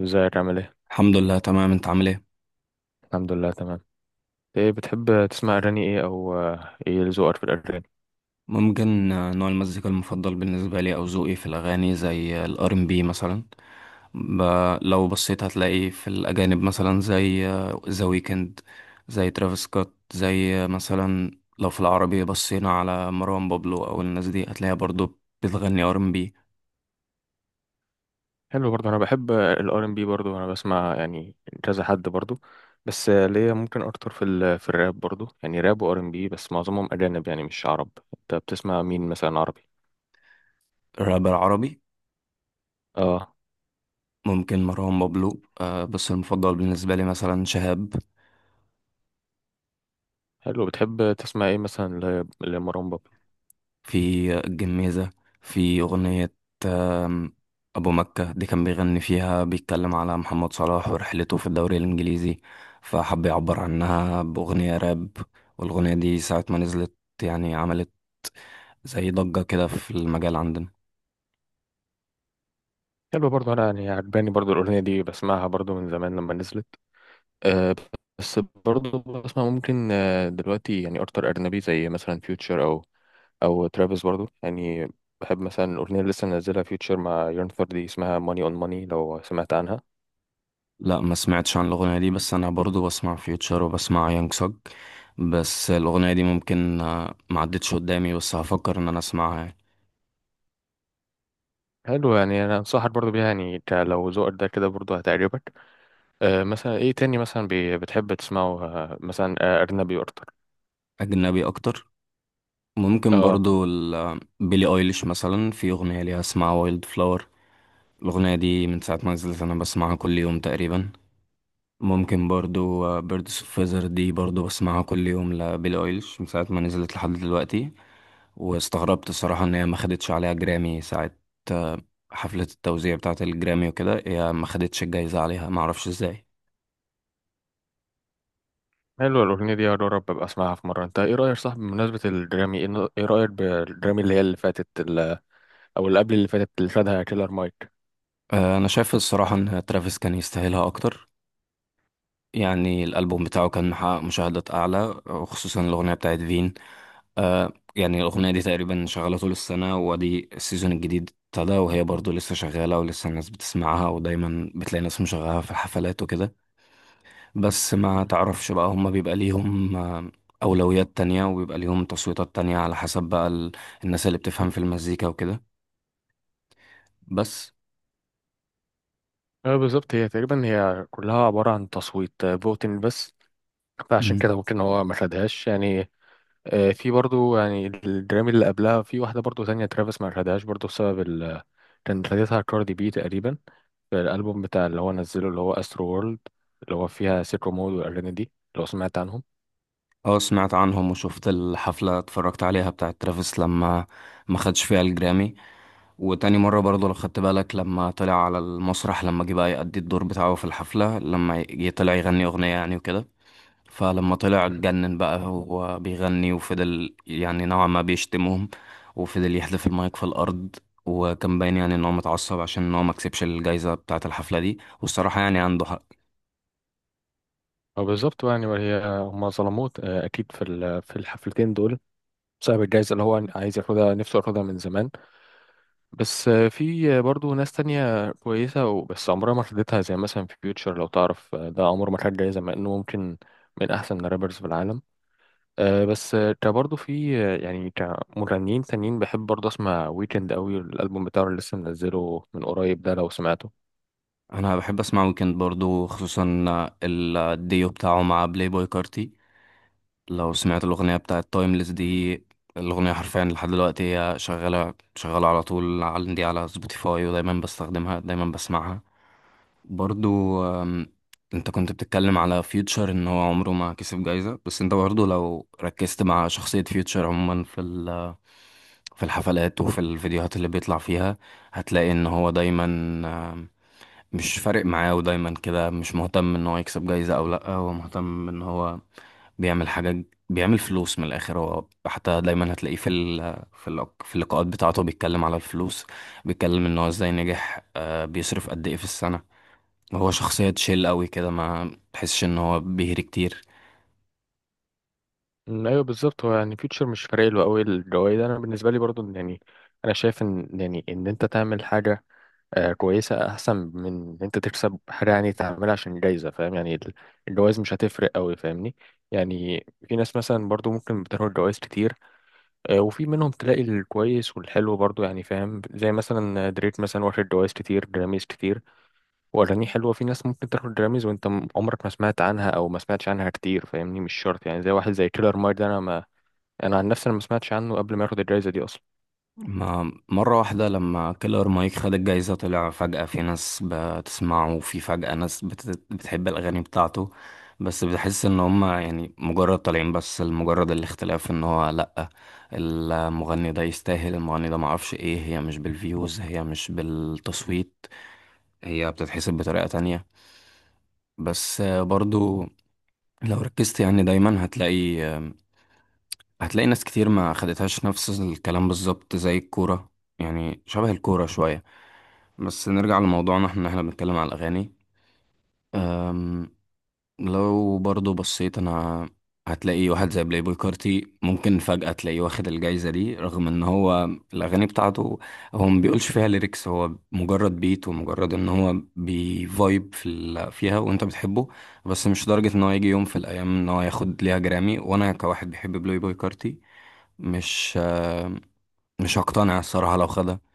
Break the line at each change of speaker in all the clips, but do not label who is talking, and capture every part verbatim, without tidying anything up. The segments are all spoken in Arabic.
ازيك عامل ايه؟
الحمد لله تمام، انت عامل ايه؟
الحمد لله تمام. ايه بتحب تسمع اغاني ايه او آه، ايه ذوقك في الاغاني؟
ممكن، آه، نوع المزيكا المفضل بالنسبه لي او ذوقي في الاغاني زي الار ام بي مثلا. ب... لو بصيت هتلاقي في الاجانب مثلا زي ذا ويكند، زي ترافيس سكوت، زي آه، مثلا. لو في العربي بصينا على مروان بابلو او الناس دي هتلاقيها برضو بتغني ار ام بي.
حلو برضه انا بحب الار ام بي برضه انا بسمع يعني كذا حد برضه. بس آه، ليا ممكن اكتر في ال في الراب برضه يعني راب وار ام بي، بس معظمهم اجانب يعني مش عرب. انت بتسمع مين مثلا عربي؟
رابر عربي؟
اه.
ممكن مروان بابلو، آه، بس المفضل بالنسبه لي مثلا شهاب
حلو، بتحب تسمع ايه مثلا ل- لمروان بابلو؟
في الجميزة. في أغنية آم، أبو مكة دي كان بيغني فيها، بيتكلم على محمد صلاح ورحلته في الدوري الإنجليزي، فحب يعبر عنها بأغنية راب. والأغنية دي ساعة ما نزلت يعني عملت زي ضجة كده في المجال عندنا.
حلو برضه، انا يعني عجباني برضه الاغنية دي، بسمعها برضه من زمان لما نزلت. آه، بس برضه بسمع ممكن آه، دلوقتي يعني اكتر اجنبي زي مثلا فيوتشر او او ترافيس برضو يعني. بحب مثلا الاغنيه اللي لسه منزلها فيوتشر مع يونفر دي، اسمها ماني اون ماني، لو سمعت عنها.
لا، ما سمعتش عن الأغنية دي، بس أنا برضو بسمع فيوتشر وبسمع يانج سوج. بس الأغنية دي ممكن، آه، ما عدتش قدامي، بس هفكر إن أنا أسمعها يعني.
حلو يعني انا انصحك برضو بيها يعني، ك- لو ذوقك ده كده برضو هتعجبك. آه، مثلا ايه تاني مثلا بي- بتحب تسمعه آه، مثلا آه، اجنبي اكتر؟
أجنبي أكتر؟ ممكن
اه.
برضو ال- بيلي ايليش، مثلا في اغنيه ليها اسمها وايلد فلاور. الاغنيه دي من ساعه ما نزلت انا بسمعها كل يوم تقريبا. ممكن برضو بيردس اوف فيزر دي برضو بسمعها كل يوم لبيلي ايليش من ساعه ما نزلت لحد دلوقتي. واستغربت الصراحه ان هي ما خدتش عليها جرامي ساعه، آه، حفله التوزيع بتاعه الجرامي وكده، هي ما خدتش الجايزه عليها، ما اعرفش ازاي.
حلو، الاغنيه دي يا رب ابقى اسمعها في مره. انت ايه رايك، صح، بمناسبه الجرامي، ايه ن- إيه رايك بالجرامي اللي هي اللي فاتت ال- او اللي قبل اللي فاتت، اللي خدها كيلر مايك؟
آه، انا شايف الصراحه ان ترافيس كان يستاهلها اكتر. يعني الالبوم بتاعه كان محقق مشاهدات اعلى، وخصوصا الاغنيه بتاعت فين. آه يعني الأغنية دي تقريبا شغالة طول السنة، وادي السيزون الجديد ابتدى وهي برضو لسه شغالة، ولسه الناس بتسمعها، ودايما بتلاقي ناس مشغلها في الحفلات وكده. بس ما
مم.
تعرفش بقى، هما بيبقى ليهم آه، أولويات تانية، وبيبقى ليهم تصويتات تانية على حسب بقى ال... الناس اللي بتفهم في المزيكا وكده. بس.
اه بالظبط، هي تقريبا هي كلها عباره عن تصويت آه، فوتين بس، فعشان
مم.
كده ممكن هو ما خدهاش يعني. آه، في برضو يعني الجرامي اللي قبلها، في واحدة برضو تانية ترافيس ما خدهاش برضو بسبب ال، كان خدتها كاردي بي تقريبا في الألبوم بتاع اللي هو نزله اللي هو أسترو وورلد، اللي هو فيها سيكو مود والأغاني دي، لو سمعت عنهم.
اه، سمعت عنهم، وشفت الحفلة، اتفرجت عليها بتاعت ترافيس لما ما خدش فيها الجرامي. وتاني مرة برضه، لو خدت بالك، لما طلع على المسرح، لما جه بقى يأدي الدور بتاعه في الحفلة، لما جه طلع يغني أغنية يعني وكده، فلما طلع اتجنن بقى هو بيغني، وفضل يعني نوعا ما بيشتمهم، وفضل يحذف المايك في الأرض. وكان باين يعني إن هو متعصب عشان إن هو مكسبش الجايزة بتاعة الحفلة دي، والصراحة يعني عنده حق.
هو بالظبط يعني، وهي هما ظلموه آه، أكيد في ال- في الحفلتين دول، بسبب الجايزة اللي هو عايز ياخدها، نفسه ياخدها من زمان. بس آه، في آه، برضو ناس تانية كويسة وبس عمرها ما خدتها، زي مثلا في فيوتشر لو تعرف، آه، ده عمره ما خد جايزة مع إنه ممكن من أحسن الرابرز في العالم. آه، بس آه، كبرضو في آه، يعني كمغنيين تانيين بحب برضو أسمع ويكند أوي، الألبوم بتاعه اللي لسه منزله من قريب ده لو سمعته.
أنا بحب أسمع ويكند برضه، خصوصا ال- الديو بتاعه مع بلاي بوي كارتي. لو سمعت الأغنية بتاعت تايمليس دي، الأغنية حرفيا لحد دلوقتي هي شغالة، شغالة على طول عندي على سبوتيفاي، ودايما بستخدمها، دايما بسمعها. برضو، أم، انت كنت بتتكلم على فيوتشر ان هو عمره ما كسب جايزة، بس انت برضو لو ركزت مع شخصية فيوتشر عموما، في ال في الحفلات وفي الفيديوهات اللي بيطلع فيها، هتلاقي ان هو دايما، أم، مش فارق معاه، ودايما كده مش مهتم ان هو يكسب جايزة او لا. هو مهتم ان هو بيعمل حاجات، بيعمل فلوس من الاخر. هو حتى دايما هتلاقيه في ال... في ال... في اللقاءات بتاعته بيتكلم على الفلوس، بيتكلم ان هو ازاي نجح، آه بيصرف قد ايه في السنة. هو شخصية تشيل قوي كده، ما تحسش ان هو بيهري كتير.
أمم، أيوه بالظبط، هو يعني فيوتشر مش فارق له أوي الجوايز. أنا بالنسبة لي برضو إن يعني أنا شايف إن يعني إن أنت تعمل حاجة آه، كويسة أحسن من إن أنت تكسب حاجة يعني تعملها عشان جايزة، فاهم يعني ال- الجواز مش هتفرق أوي، فاهمني؟ يعني في ناس مثلا برضو ممكن بتاخد جواز كتير آه، وفي منهم تلاقي الكويس والحلو برضو يعني، فاهم، زي مثلا دريك مثلا واخد جواز كتير، جراميز كتير وأغانيه حلوة. في ناس ممكن تاخد جراميز وأنت م- عمرك ما سمعت عنها أو ما سمعتش عنها كتير، فاهمني، مش شرط يعني، زي واحد زي كيلر مايك ده، أنا ما أنا عن نفسي أنا ما سمعتش عنه قبل ما ياخد الجايزة دي أصلا.
ما مرة واحدة لما كيلر مايك خد الجايزة، طلع فجأة في ناس بتسمعه، وفي فجأة ناس بت- بتحب الأغاني بتاعته. بس بحس إن هما يعني مجرد طالعين بس لمجرد الاختلاف، إن هو لأ، المغني ده يستاهل، المغني ده، معرفش. إيه، هي مش بالفيوز، هي مش بالتصويت، هي بتتحسب بطريقة تانية. بس برضو لو ركزت، يعني دايما هتلاقي، هتلاقي ناس كتير ما خدتهاش. نفس الكلام بالظبط زي الكورة، يعني شبه الكورة شوية. بس نرجع لموضوعنا، احنا إن احنا بنتكلم على الأغاني. أم، لو برضو بصيت أنا، هتلاقي واحد زي بلاي بوي كارتي ممكن فجأة تلاقيه واخد الجايزة دي، رغم ان هو الأغاني بتاعته هو ما بيقولش فيها ليركس، هو مجرد بيت، ومجرد ان هو بيفايب في ال- فيها، وانت بتحبه. بس مش لدرجة ان هو يجي يوم في الأيام ان هو ياخد ليها جرامي، وانا كواحد بيحب بلاي بوي كارتي، مش آه، مش هقتنع الصراحة لو خدها.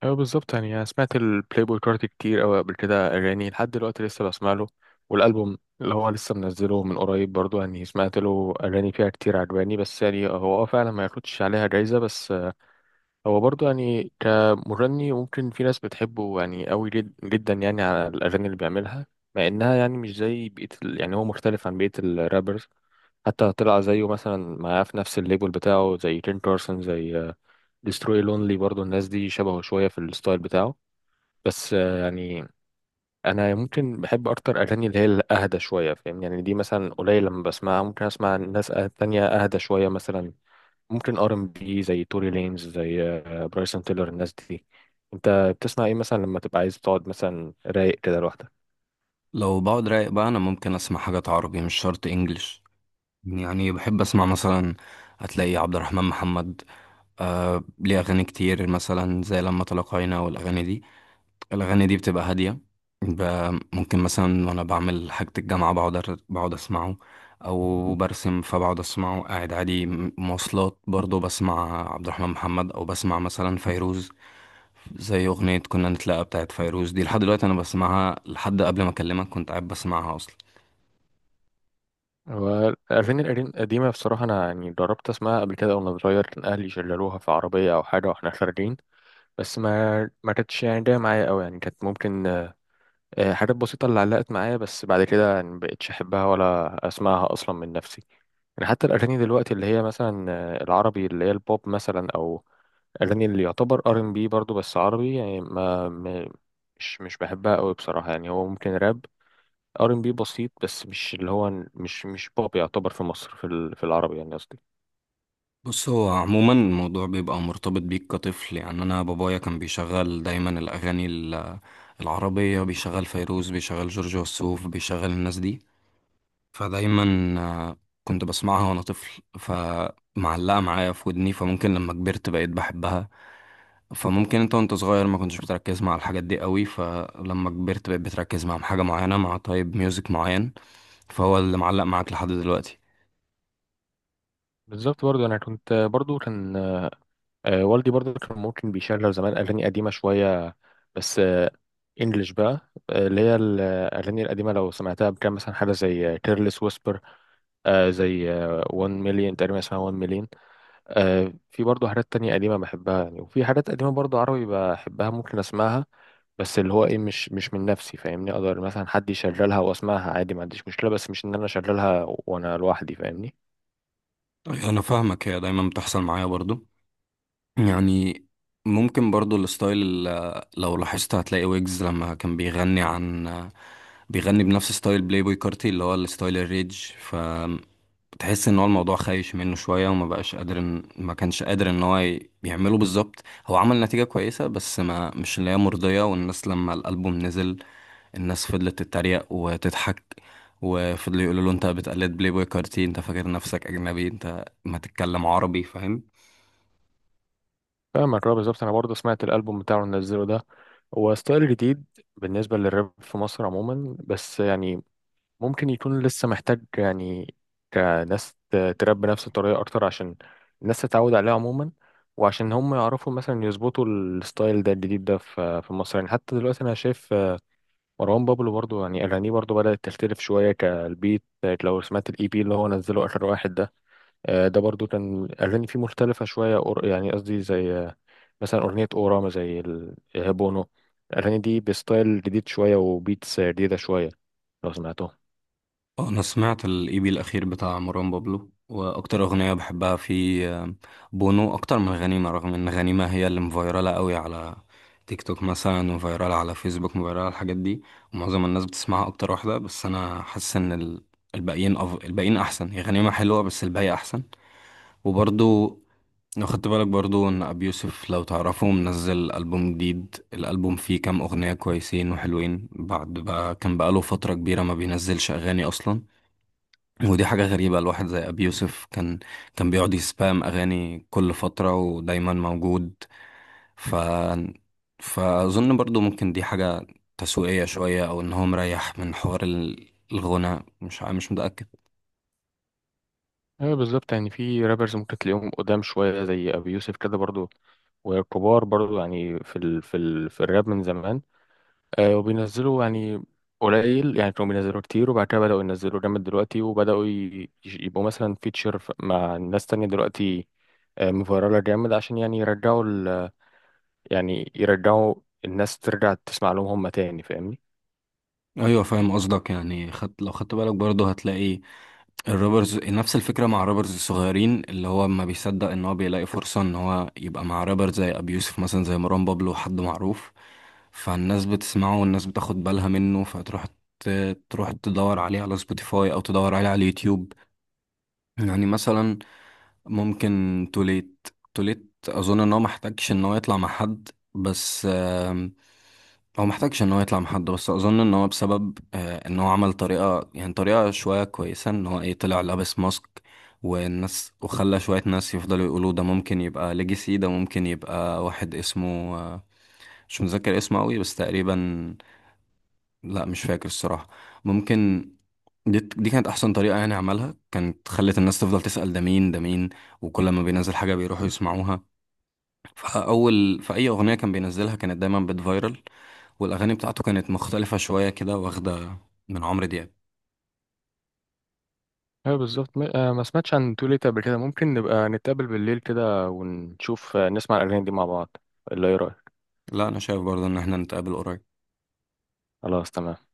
ايوه بالظبط يعني انا سمعت البلاي بوي كارت كتير قوي قبل كده اغاني، لحد دلوقتي لسه بسمع له، والالبوم اللي هو لسه منزله من قريب برضو يعني سمعت له اغاني فيها كتير عجباني، بس يعني هو اه فعلا ما ياخدش عليها جايزه. بس هو برضو يعني كمغني ممكن في ناس بتحبه يعني قوي جد جدا يعني على الاغاني اللي بيعملها، مع انها يعني مش زي بقيه ال... يعني هو مختلف عن بقيه الرابرز. حتى طلع زيه مثلا معاه في نفس الليبل بتاعه زي تين كارسون، زي ديستروي لونلي، برضو الناس دي شبهه شويه في الستايل بتاعه. بس آه، يعني انا ممكن بحب اكتر اغاني اللي هي الاهدى شويه، فاهم يعني دي مثلا قليل لما بسمعها، ممكن اسمع ناس أه- تانية اهدى شويه مثلا، ممكن ار ام بي زي توري لينز، زي آه، برايسون تيلر، الناس دي. انت بتسمع ايه مثلا لما تبقى عايز تقعد مثلا رايق كده لوحدك؟
لو بقعد رايق بقى، أنا ممكن أسمع حاجات عربي، مش شرط إنجليش. يعني بحب أسمع مثلا، هتلاقي عبد الرحمن محمد، آه، ليه أغاني كتير مثلا زي لما تلاقينا والأغاني دي. الأغاني دي بتبقى هادية. ب- ممكن مثلا وأنا بعمل حاجة الجامعة بقعد، أر- بقعد أسمعه، أو برسم فبقعد أسمعه، قاعد عادي، م- مواصلات برضه بسمع عبد الرحمن محمد، أو بسمع مثلا فيروز، زي أغنية كنا نتلاقى بتاعت فيروز دي. لحد دلوقتي أنا بسمعها، لحد قبل ما أكلمك كنت قاعد بسمعها أصلا.
هو الأغاني القديم- القديمة بصراحة أنا يعني جربت أسمعها قبل كده وأنا صغير، كان أهلي شغلوها في عربية أو حاجة وإحنا خارجين، بس ما ما كانتش يعني جاية معايا أوي، يعني كانت ممكن آه، حاجات بسيطة اللي علقت معايا، بس بعد كده يعني مبقتش أحبها ولا أسمعها أصلا من نفسي. يعني حتى الأغاني دلوقتي اللي هي مثلا آه، العربي اللي هي البوب مثلا، أو أغاني اللي يعتبر ار ان بي برضه بس عربي، يعني ما ما- مش مش بحبها أوي بصراحة، يعني هو ممكن راب، ار ان بي بسيط، بس مش اللي هو مش مش بوب يعتبر في مصر في ال- في العربي يعني قصدي.
بص، هو عموما الموضوع بيبقى مرتبط بيك كطفل. يعني أنا بابايا كان بيشغل دايما الأغاني ال- العربية، بيشغل فيروز، بيشغل جورج وسوف، بيشغل الناس دي. فدايما آه، كنت بسمعها وأنا طفل، فمعلقة معايا في ودني، فممكن لما كبرت بقيت بحبها. فممكن انت وانت صغير ما كنتش بتركز مع الحاجات دي قوي، فلما كبرت بقيت بتركز مع حاجة معينة، مع طيب ميوزك معين، فهو اللي معلق معاك لحد دلوقتي.
بالظبط برضه، أنا كنت برضه كان آه، والدي برضه كان ممكن بيشغل زمان أغاني قديمة شوية، بس آه، إنجلش بقى، آه، اللي هي الأغاني القديمة لو سمعتها، كان مثلا حاجة زي كيرلس ويسبر، زي 1 مليون تقريبا، اسمها 1 مليون. في برضه حاجات تانية قديمة بحبها يعني، وفي حاجات قديمة برضه عربي بحبها ممكن أسمعها، بس اللي هو إيه مش مش من نفسي، فاهمني، أقدر مثلا حد يشغلها وأسمعها عادي، ما عنديش مشكلة، بس مش إن أنا أشغلها وأنا لوحدي، فاهمني؟
أيوة، انا فاهمك. هي دايما بتحصل معايا برضو. يعني ممكن برضو الستايل ال- لو لاحظت هتلاقي ويجز لما كان بيغني عن بيغني بنفس ستايل بلاي بوي كارتي، اللي هو الستايل الريج. تحس ان هو الموضوع خايش منه شويه، وما بقاش قادر، إن- ما كانش قادر ان هو ي- يعمله بالظبط. هو عمل نتيجه كويسه، بس ما مش اللي هي مرضيه. والناس لما الالبوم نزل، الناس فضلت تتريق وتضحك، وفضلوا يقولوا له انت بتقلد بلاي بوي كارتي، انت فاكر نفسك اجنبي، انت ما تتكلم عربي، فاهم.
فاهمك، اه بالظبط، انا برضه سمعت الالبوم بتاعه اللي نزله ده، هو ستايل جديد بالنسبه للراب في مصر عموما، بس يعني ممكن يكون لسه محتاج يعني كناس ت- تراب بنفس الطريقه اكتر عشان الناس تتعود عليه عموما، وعشان هم يعرفوا مثلا يظبطوا الستايل ده الجديد ده في في مصر. يعني حتى دلوقتي انا شايف، آه، مروان بابلو برضه يعني اغانيه برضه بدات تختلف شويه كالبيت، لو سمعت الاي بي اللي هو نزله اخر واحد ده. آه، ده برضو كان أغاني فيه مختلفة شوية أور- يعني قصدي زي آه، مثلا أغنية أوراما، زي ال- آه، بونو، الأغاني دي بستايل جديد شوية وبيتس جديدة شوية لو سمعتهم.
آه، انا سمعت الاي بي الاخير بتاع مروان بابلو، واكتر اغنيه بحبها في آه، بونو، اكتر من غنيمه، رغم ان غنيمه هي اللي مفيراله قوي على تيك توك مثلا، وفيراله على فيسبوك، مفيراله الحاجات دي، ومعظم الناس بتسمعها اكتر واحده. بس انا حاسس ان ال- الباقيين أف... الباقيين احسن. هي غنيمه حلوه، بس الباقي احسن. وبرضو لو خدت بالك برضو، ان ابي يوسف لو تعرفه منزل البوم جديد، الالبوم فيه كام اغنيه كويسين وحلوين، بعد بقى كان بقاله فتره كبيره ما بينزلش اغاني اصلا. ودي حاجة غريبة، الواحد زي أبي يوسف كان، كان بيقعد يسبام أغاني كل فترة، ودايما موجود. ف فأظن برضو ممكن دي حاجة تسويقية شوية، أو إن هو مريح من حوار ال- الغنى، مش ع- مش متأكد.
ايوه بالظبط، يعني في رابرز ممكن تلاقيهم قدام شويه زي ابي يوسف كده برضو، وكبار برضو يعني في ال في ال في الراب من زمان. آه، وبينزلوا يعني قليل، يعني كانوا بينزلوا كتير وبعد كده بدأوا ينزلوا جامد دلوقتي، وبدأوا ي- يبقوا مثلا فيتشر مع ناس تانية دلوقتي، آه، مفيرالة جامد عشان يعني يرجعوا يعني يرجعوا الناس ترجع تسمع لهم هم تاني، فاهمني؟
أيوة فاهم قصدك، يعني خدت، لو خدت بالك برضو هتلاقي الروبرز نفس الفكرة، مع روبرز الصغيرين، اللي هو ما بيصدق ان هو بيلاقي فرصة ان هو يبقى مع رابر زي ابي يوسف مثلا، زي مروان بابلو، حد معروف، فالناس بتسمعه، والناس بتاخد بالها منه، فتروح ت- تروح تدور عليه على سبوتيفاي، او تدور عليه على اليوتيوب. يعني مثلا ممكن توليت توليت اظن ان هو محتاجش ان هو يطلع مع حد. بس آم، هو محتاجش ان هو يطلع مع حد، بس اظن ان هو بسبب آه، ان هو عمل طريقة، يعني طريقة شوية كويسة، ان هو ايه، طلع لابس ماسك، والناس، وخلى شوية ناس يفضلوا يقولوا ده ممكن يبقى ليجاسي، ده ممكن يبقى واحد اسمه آه، مش متذكر اسمه قوي، بس تقريبا، لا مش فاكر الصراحة. ممكن دي دي كانت احسن طريقه يعني عملها، كانت خلت الناس تفضل تسال ده مين، ده مين، وكل ما بينزل حاجه بيروحوا يسمعوها. فاول، في اي اغنيه كان بينزلها، كانت دايما بتفايرل. والاغاني بتاعته كانت مختلفه شويه كده، واخده من عمرو دياب.
ايوه بالظبط، ما آه، ما سمعتش عن تو ليت قبل كده، ممكن نبقى نتقابل بالليل كده ونشوف، آه، نسمع الاغاني دي مع بعض، اللي ايه رايك؟
لا، انا شايف برضه ان احنا نتقابل قريب.
خلاص تمام.